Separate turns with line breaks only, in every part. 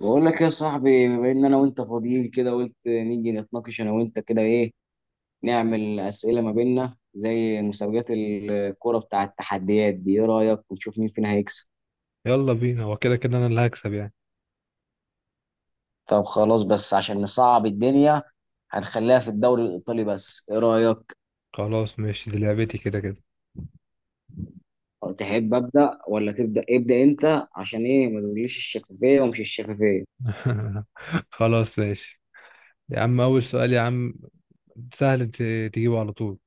بقول لك يا صاحبي، بما ان انا وانت فاضيين كده قلت نيجي نتناقش انا وانت كده. ايه نعمل اسئله ما بيننا زي مسابقات الكوره بتاع التحديات دي؟ ايه رايك ونشوف مين فينا هيكسب؟
يلا بينا، هو كده كده انا اللي هكسب يعني.
طب خلاص، بس عشان نصعب الدنيا هنخليها في الدوري الايطالي بس. ايه رايك؟
خلاص ماشي، دي لعبتي كده كده.
تحب ابدا ولا تبدا؟ ابدا انت. عشان ايه ما تقوليش الشفافيه ومش الشفافيه.
خلاص ماشي. يا عم، اول سؤال يا عم، سهل، تجيبه على طول.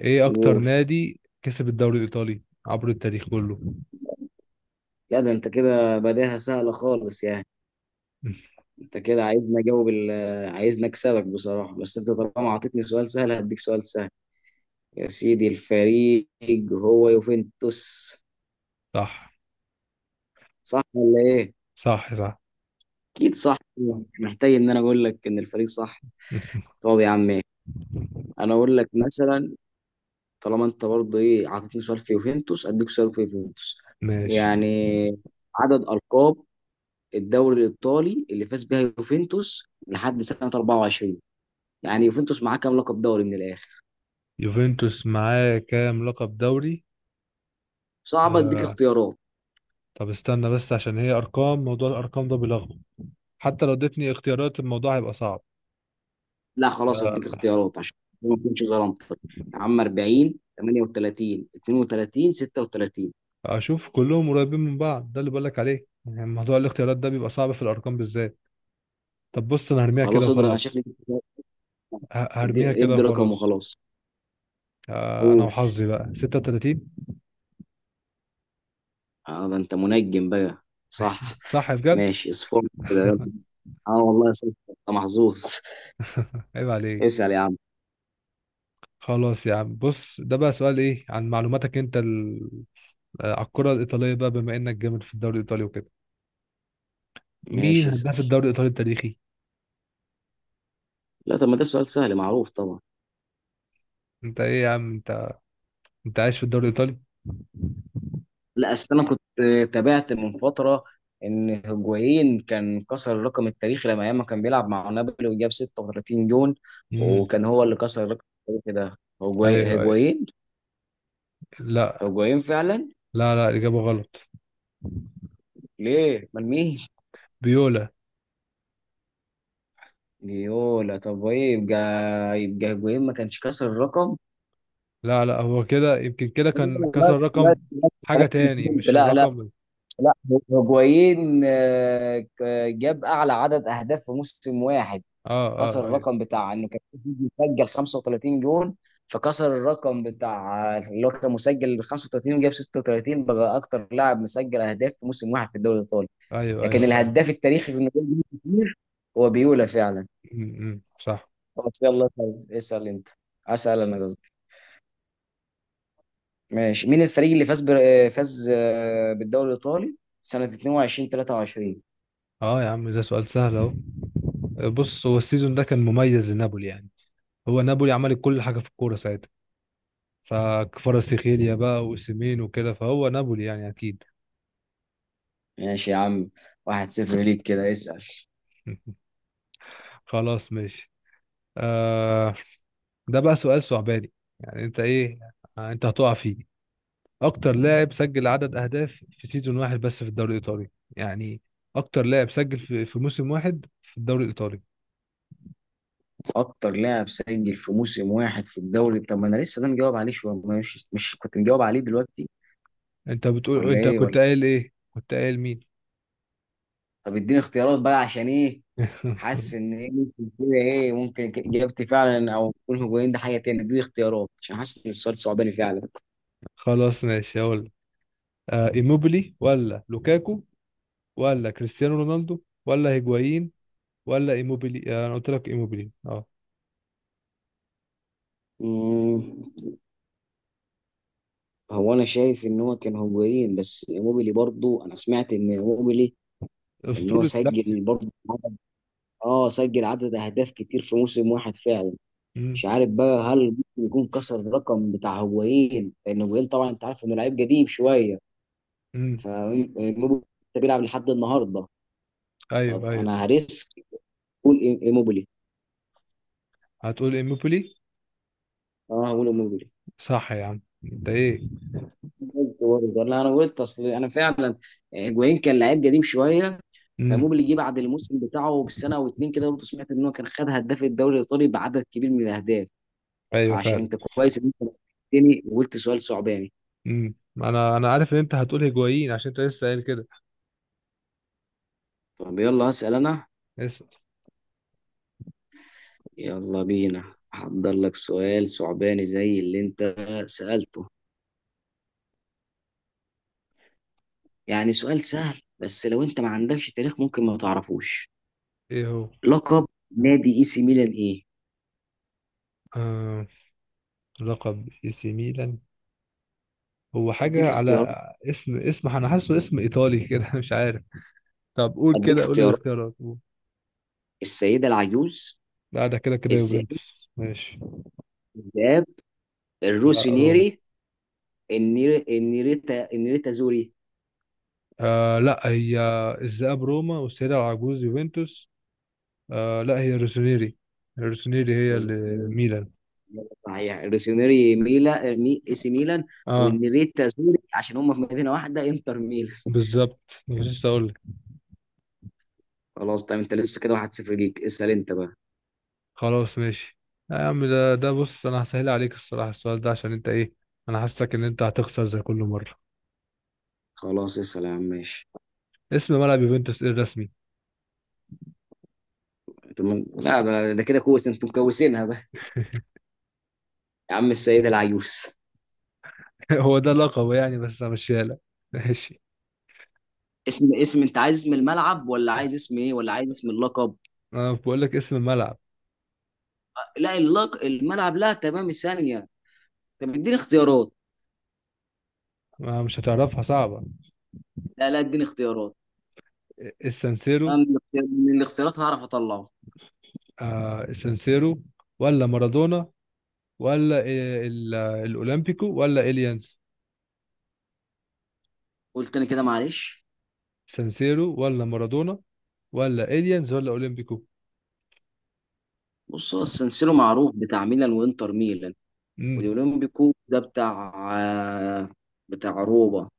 ايه اكتر
قول.
نادي كسب الدوري الايطالي عبر التاريخ كله؟
لا ده انت كده بداها سهله خالص يعني. انت كده عايزني اجاوب عايزني اكسبك بصراحه. بس انت طالما اعطيتني سؤال سهل هديك سؤال سهل. يا سيدي الفريق هو يوفنتوس.
صح،
صح ولا ايه؟
صح. صح.
اكيد صح، مش محتاج ان انا اقول لك ان الفريق صح. طب يا عم، ايه انا اقول لك مثلا. طالما انت برضه ايه اعطيتني سؤال في يوفنتوس اديك سؤال في يوفنتوس.
ماشي.
يعني عدد القاب الدوري الايطالي اللي فاز بها يوفنتوس لحد سنه 24، يعني يوفنتوس معاه كام لقب دوري من الاخر؟
يوفنتوس معاه كام لقب دوري؟
صعب. اديك
آه
اختيارات.
طب استنى بس، عشان هي ارقام، موضوع الارقام ده بيلخبط. حتى لو اديتني اختيارات، الموضوع هيبقى صعب.
لا خلاص
آه،
اديك اختيارات عشان ما اكونش ظلمتك. يا عم 40 38 32 36.
اشوف كلهم قريبين من بعض، ده اللي بقولك عليه، يعني موضوع الاختيارات ده بيبقى صعب في الارقام بالذات. طب بص، انا هرميها كده
خلاص اضرب انا
وخلاص.
شكلي.
هرميها
ادي
كده
ادي رقم
وخلاص.
وخلاص.
انا
قول.
وحظي بقى 36.
اه ده انت منجم بقى. صح.
صح بجد.
ماشي اصفر كده يلا. اه والله صح، انت محظوظ.
عيب عليك.
اسال يا عم.
خلاص يا عم، بص، ده بقى سؤال ايه عن معلوماتك انت على الكرة الإيطالية، بقى بما انك جامد في الدوري الإيطالي وكده، مين
ماشي، اسال.
هداف الدوري الإيطالي التاريخي؟
لا طب ما ده سؤال سهل معروف طبعا.
انت ايه يا عم انت عايش في الدوري الإيطالي.
لا اصل انا كنت تابعت من فتره ان هجوين كان كسر الرقم التاريخي لما ايام ما كان بيلعب مع نابولي وجاب 36 جون.
امم.
وكان هو اللي كسر الرقم التاريخي ده
ايوه، ايوه.
هجوين.
لا،
هجوين فعلا.
لا، لا، إجابة غلط.
ليه؟ امال مين؟
بيولا.
يولا؟ طب ايه يبقى؟ يبقى هجوين ما كانش كسر الرقم.
لا، لا، هو كده، يمكن كده
لا
كان
لا
كسر
لا
رقم. حاجة
خلاص أنا
تاني،
فهمت.
مش
لا لا.
الرقم
لا هجوين، جاب اعلى عدد اهداف في موسم واحد.
اه.
كسر
اه، ايوه،
الرقم بتاع انه كان في فيديو مسجل 35 جون. فكسر الرقم بتاع اللي هو كان مسجل 35 وجاب 36 بقى اكتر لاعب مسجل اهداف في موسم واحد في الدوري الايطالي.
ايوه. ايوه
لكن الهداف
فاهم.
التاريخي في انه جاب جون كتير هو بيولا فعلا.
م- م، صح.
بس يلا طيب، اسال انت. اسال، انا قصدي. ماشي، مين الفريق اللي فاز بر... آه، فاز بالدوري الايطالي سنة 22 23؟
اه يا عم، ده سؤال سهل اهو. بص، هو السيزون ده كان مميز لنابولي يعني. هو نابولي عملت كل حاجة في الكورة ساعتها. فكفاراتسخيليا بقى، وأوسيمين وكده، فهو نابولي يعني، أكيد.
ماشي يا عم، واحد صفر ليك كده. اسال.
خلاص ماشي. آه ده بقى سؤال صعباني، يعني أنت إيه؟ أنت هتقع فيه. اكتر لاعب سجل عدد اهداف في سيزون واحد بس في الدوري الايطالي. يعني اكتر لاعب سجل في موسم واحد في الدوري الايطالي.
اكتر لاعب سجل في موسم واحد في الدوري. طب ما انا لسه ده مجاوب عليه شويه، مش كنت مجاوب عليه دلوقتي؟
انت بتقول،
ولا
انت
ايه
كنت
ولا؟
قايل ايه؟ كنت قايل مين؟
طب اديني اختيارات بقى عشان ايه. حاسس ان ايه ممكن كده، ايه ممكن اجابتي فعلا، او يكون هجومين ده حاجه تاني. اديني اختيارات عشان حاسس ان السؤال صعباني فعلا.
خلاص ماشي، هقول لك. ايموبيلي، ولا لوكاكو، ولا كريستيانو رونالدو، ولا هيجوايين، ولا ايموبيلي. انا قلت لك ايموبيلي، اه.
مم، هو انا شايف ان هو كان هجومين. بس موبيلي برضو انا سمعت ان موبيلي، ان هو
اسطورة لاتسيو.
سجل برضو اه سجل عدد اهداف كتير في موسم واحد فعلا.
امم،
مش عارف بقى، هل ممكن يكون كسر الرقم بتاع هوايين؟ لان هوايين طبعا انت عارف انه لعيب قديم شويه.
امم.
فايموبيلي بيلعب لحد النهارده. طب
ايوه، ايوه.
انا هريسك. قول ايموبيلي.
هتقول ايموبيلي.
اه هقول ايموبيلي.
صح يا عم، انت ايه؟
قلت برضه ولا انا قلت؟ اصل انا فعلا هيجوين كان لعيب قديم شويه.
امم.
فايموبيلي جه بعد الموسم بتاعه بسنه او اتنين كده، برضه سمعت ان هو كان خد هداف الدوري الايطالي بعدد كبير من الاهداف.
ايوه
فعشان
فعلا.
انت كويس ان انت نبهتني وقلت سؤال صعباني.
امم، انا عارف ان انت هتقول هيجوايين عشان انت لسه قايل كده.
طب يلا هسال انا.
اسال.
يلا بينا هحضر لك سؤال صعباني زي اللي انت سألته. يعني سؤال سهل، بس لو انت ما عندكش تاريخ ممكن ما تعرفوش.
ايه هو؟
لقب نادي اي سي ميلان ايه؟
آه... لقب اي سي ميلان. هو
اديك
حاجه على
اختيارات.
اسم، انا حاسه اسم ايطالي كده. مش عارف. طب قول
اديك
كده، قول لي
اختيارات
الاختيارات، قول.
السيدة العجوز،
لا، ده كده كده
الذئاب
يوفنتوس ماشي.
الذئاب،
لا، روما.
الروسينيري، النيريتا. النيريتا زوري؟
لا، هي الذئاب روما، والسيدة العجوز يوفنتوس. لا، هي روسونيري. روسونيري هي اللي
الروسينيري.
ميلان.
صحيح الروسينيري، ميلا اي سي ميلان،
اه،
والنيريتا زوري عشان هم في مدينة واحدة انتر ميلان.
بالظبط، كنت لسه اقول لك.
خلاص طيب، انت لسه كده 1-0 ليك، اسأل انت بقى.
خلاص ماشي. لا يا عم، ده بص، انا هسهل عليك الصراحه السؤال ده، عشان انت ايه، انا حاسسك ان انت هتخسر زي كل مره.
خلاص، اسأل يا عم. ماشي.
اسم ملعب يوفنتوس ايه الرسمي؟
طب لا ده، ده كده كويس انتوا مكوسينها بقى. يا عم السيدة العيوس.
هو ده لقبه يعني، بس همشيها لك. ماشي.
اسم، انت عايز اسم الملعب ولا عايز اسم ايه ولا عايز اسم اللقب؟
انا بقول لك اسم الملعب.
لا الملعب، لا تمام ثانية. طب اديني اختيارات.
ما مش هتعرفها، صعبه.
لا لا اديني اختيارات.
السانسيرو.
انا من من الاختيارات هعرف اطلعه.
السانسيرو، ولا مارادونا، ولا إيه الاولمبيكو، ولا اليانز.
قلت انا كده معلش.
سانسيرو، ولا مارادونا، ولا اليانز، ولا اولمبيكو.
بص هو السنسيرو معروف بتاع ميلان وانتر ميلان.
امم.
والاولمبيكو ده بتاع، آه، بتاع روما.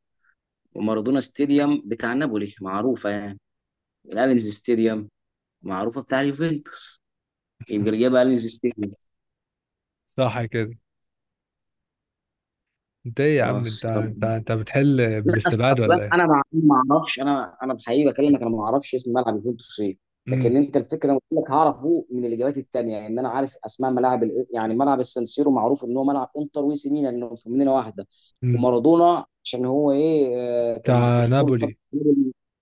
ومارادونا ستاديوم بتاع نابولي معروفة يعني. الالينز ستاديوم معروفة بتاع اليوفنتوس. يبقى اللي جاب أليس ستيجن.
صح كده. انت ايه يا عم انت
خلاص
انت
يلا.
انت بتحل
لا
بالاستبعاد
اصلا
ولا ايه؟
انا ما اعرفش. انا انا بحقيقي بكلمك، انا ما اعرفش اسم ملعب يوفنتوس ايه. لكن
امم،
انت الفكره انا قلت لك هعرفه من الاجابات التانيه. ان انا عارف اسماء ملاعب يعني ملعب السانسيرو معروف ان هو ملعب انتر وإي سي ميلان انه في مدينه واحده.
امم.
ومارادونا عشان هو ايه، كان
بتاع
اسطوره طب،
نابولي.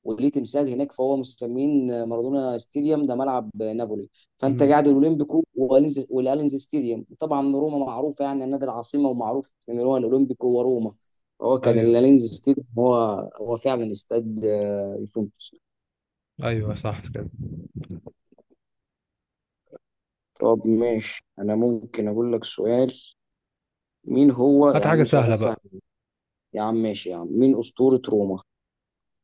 وليه تمثال هناك فهو مسمين مارادونا ستاديوم ده ملعب نابولي. فانت
امم.
قاعد الاولمبيكو والالينز ستاديوم طبعا. روما معروفه يعني النادي العاصمه، ومعروف ان هو الاولمبيكو وروما. هو كان
ايوه،
اللينز ستيديوم هو، هو فعلا استاد يوفنتوس.
ايوه، صح كده.
طب ماشي، انا ممكن اقول لك سؤال. مين هو يا
هات حاجه
عم؟
سهله
سؤال سهل.
بقى.
يا عم ماشي، يا عم مين اسطورة روما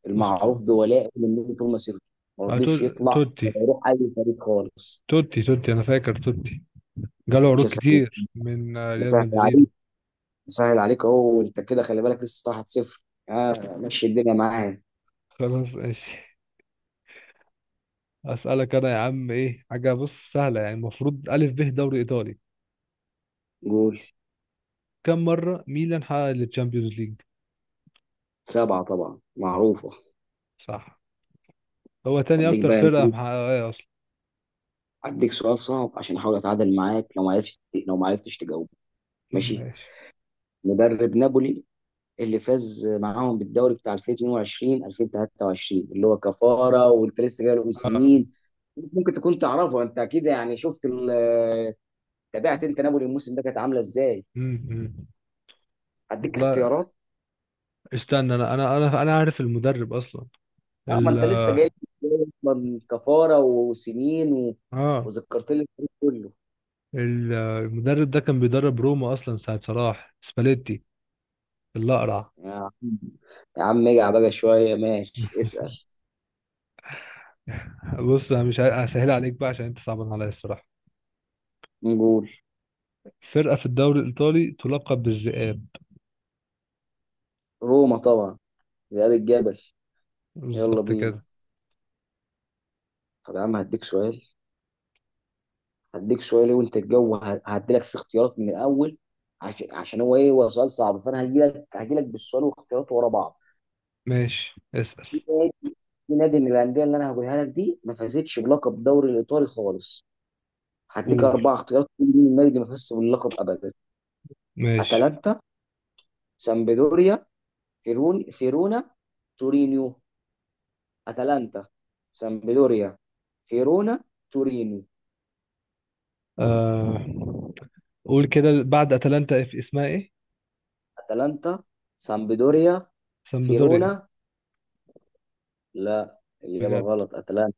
المعروف
أست...
بولائه للنبي طول مسيرته، ما رضيش يطلع
توتي.
ولا يروح اي فريق خالص؟
توتي، توتي، انا فاكر توتي. جاله
مش
عروض
سهل.
كتير من ريال
بسهل عليك
مدريد.
بسهل عليك اهو، وانت كده خلي بالك لسه 1-0. آه ماشي الدنيا معايا.
خلاص ماشي. اسالك انا يا عم، ايه حاجه، بص، سهله يعني، المفروض الف ب دوري ايطالي.
جول.
كم مره ميلان حقق التشامبيونز ليج؟
سبعة طبعا معروفة.
صح. هو تاني
هديك
اكتر
بقى،
فرقه محققه اصلا.
هديك سؤال صعب عشان احاول اتعادل معاك. لو ما عرفتش، لو ما عرفتش تجاوب. ماشي.
ماشي.
مدرب نابولي اللي فاز معاهم بالدوري بتاع 2022 2023 اللي هو كفارة، وانت لسه جاي له من
آه.
سنين. ممكن تكون تعرفه انت اكيد يعني. شفت تابعت انت نابولي الموسم ده كانت عامله ازاي؟
امم، امم،
هديك
والله
اختيارات.
استنى، انا عارف المدرب اصلا.
اه ما
ال
انت لسه جاي، جاي اصلا كفارة وسنين و...
اه.
وذكرت لي الفريق كله.
المدرب ده كان بيدرب روما اصلا ساعة صلاح، سباليتي الاقرع.
يا عم، يا عم اجع بقى شويه. ماشي اسأل.
بص، انا مش هسهل عليك بقى، عشان انت صعبان عليا الصراحة.
نقول.
فرقة في الدوري الايطالي تلقب بالذئاب.
روما طبعا، ذئاب الجبل. يلا
بالظبط كده.
بينا. طب يا عم هديك سؤال، إيه وانت الجو، هديلك في اختيارات من الاول عشان هو ايه، هو سؤال صعب. فانا هجيلك بالسؤال واختياراته ورا بعض.
ماشي اسأل.
في نادي في نادي من الانديه اللي انا هقولها لك دي ما فازتش بلقب الدوري الايطالي خالص. هديك
قول.
اربع اختيارات، كل مين النادي اللي ما فازش باللقب ابدا.
ماشي.
اتلانتا، سامبدوريا، فيرون فيرونا، تورينيو. اتلانتا، سامبدوريا، فيرونا، تورينيو.
آه. قول كده، بعد اتلانتا في اسمها ايه؟
اتلانتا، سامبدوريا،
سامبدوريا.
فيرونا. لا الاجابه
بجد.
غلط، اتلانتا.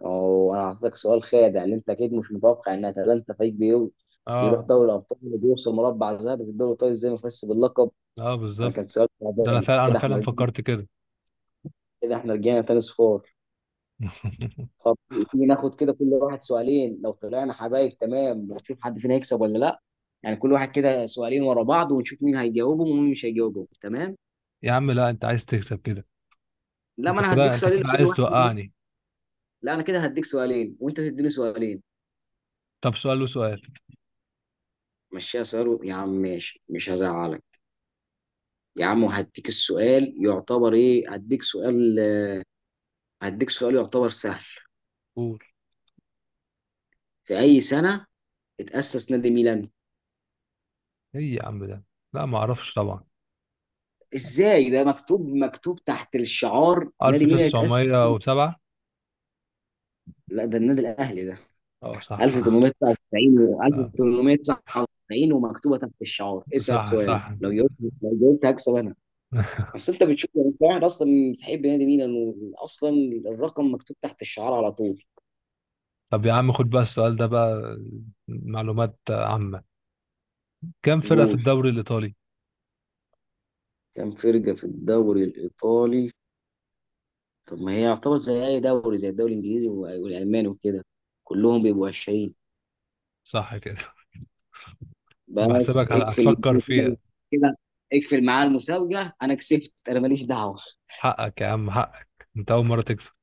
وانا هعطيك سؤال خادع اللي انت اكيد مش متوقع ان اتلانتا فريق بيروح
اه،
دوري الابطال وبيوصل مربع ذهبي في الدوري الايطالي، ازاي مفس باللقب.
اه،
انا كان
بالظبط.
سؤال
ده انا
تعبان
فعلا،
كده احنا رجعنا.
فكرت كده.
كده احنا رجعنا تاني صفار. طب تيجي ناخد كده كل واحد سؤالين، لو طلعنا حبايب تمام، ونشوف حد فينا هيكسب ولا لا. يعني كل واحد كده سؤالين ورا بعض، ونشوف مين هيجاوبهم ومين مش هيجاوبهم تمام.
يا عم لا، انت عايز تكسب كده.
لا ما
انت
انا
كده
هديك
انت
سؤالين
كده
لكل
عايز
واحد منهم.
توقعني.
لا انا كده هديك سؤالين وانت تديني سؤالين.
طب سؤال وسؤال.
مشيها سؤال يا عم ماشي مش هزعلك. يا عم وهديك السؤال يعتبر ايه، هديك سؤال يعتبر سهل.
قول.
في اي سنة اتأسس نادي ميلان؟
ايه يا عم ده؟ لا، ما اعرفش طبعا.
ازاي ده مكتوب، مكتوب تحت الشعار نادي ميلان اتأسس.
1907.
لا ده النادي الاهلي ده
اه صح.
1899. و
آه،
1899 ومكتوبة تحت الشعار. اسأل
صح
سؤالك،
صح.
لو جاوبت، لو جاوبت هكسب انا. بس انت بتشوف يعني، انت قاعد اصلا بتحب نادي ميلان واصلا الرقم مكتوب تحت الشعار على طول.
طب يا عم، خد بقى السؤال ده بقى، معلومات عامة. كم فرقة في
جول.
الدوري الإيطالي؟
كان فرقة في الدوري الإيطالي. طب ما هي يعتبر زي اي دوري، زي الدوري الانجليزي والالماني وكده، كلهم بيبقوا 20.
صح كده. انا
بس
بحسبك
اقفل
هتفكر
كده.
فيها.
كده اقفل معاه المسابقه، انا كسبت، انا ماليش دعوه.
حقك يا عم، حقك، انت أول مرة تكسب.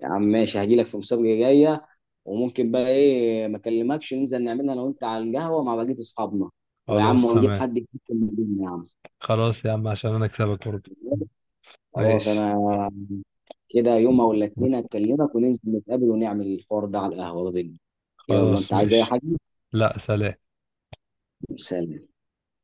يا عم ماشي، هجي لك في مسابقه جايه. وممكن بقى ايه ما اكلمكش ننزل نعملها انا وانت على القهوه مع بقيه اصحابنا. ويا عم
خلاص
ونجيب
تمام.
حد يكتب الدنيا يا عم.
خلاص يا عم، عشان انا اكسبك برضه.
خلاص
ماشي.
انا كده يوم او الاثنين اكلمك وننزل نتقابل ونعمل الحوار ده على القهوه ده بينا. يلا
خلاص
انت عايز اي
ماشي.
حاجه؟
لا، سلام.
سلام.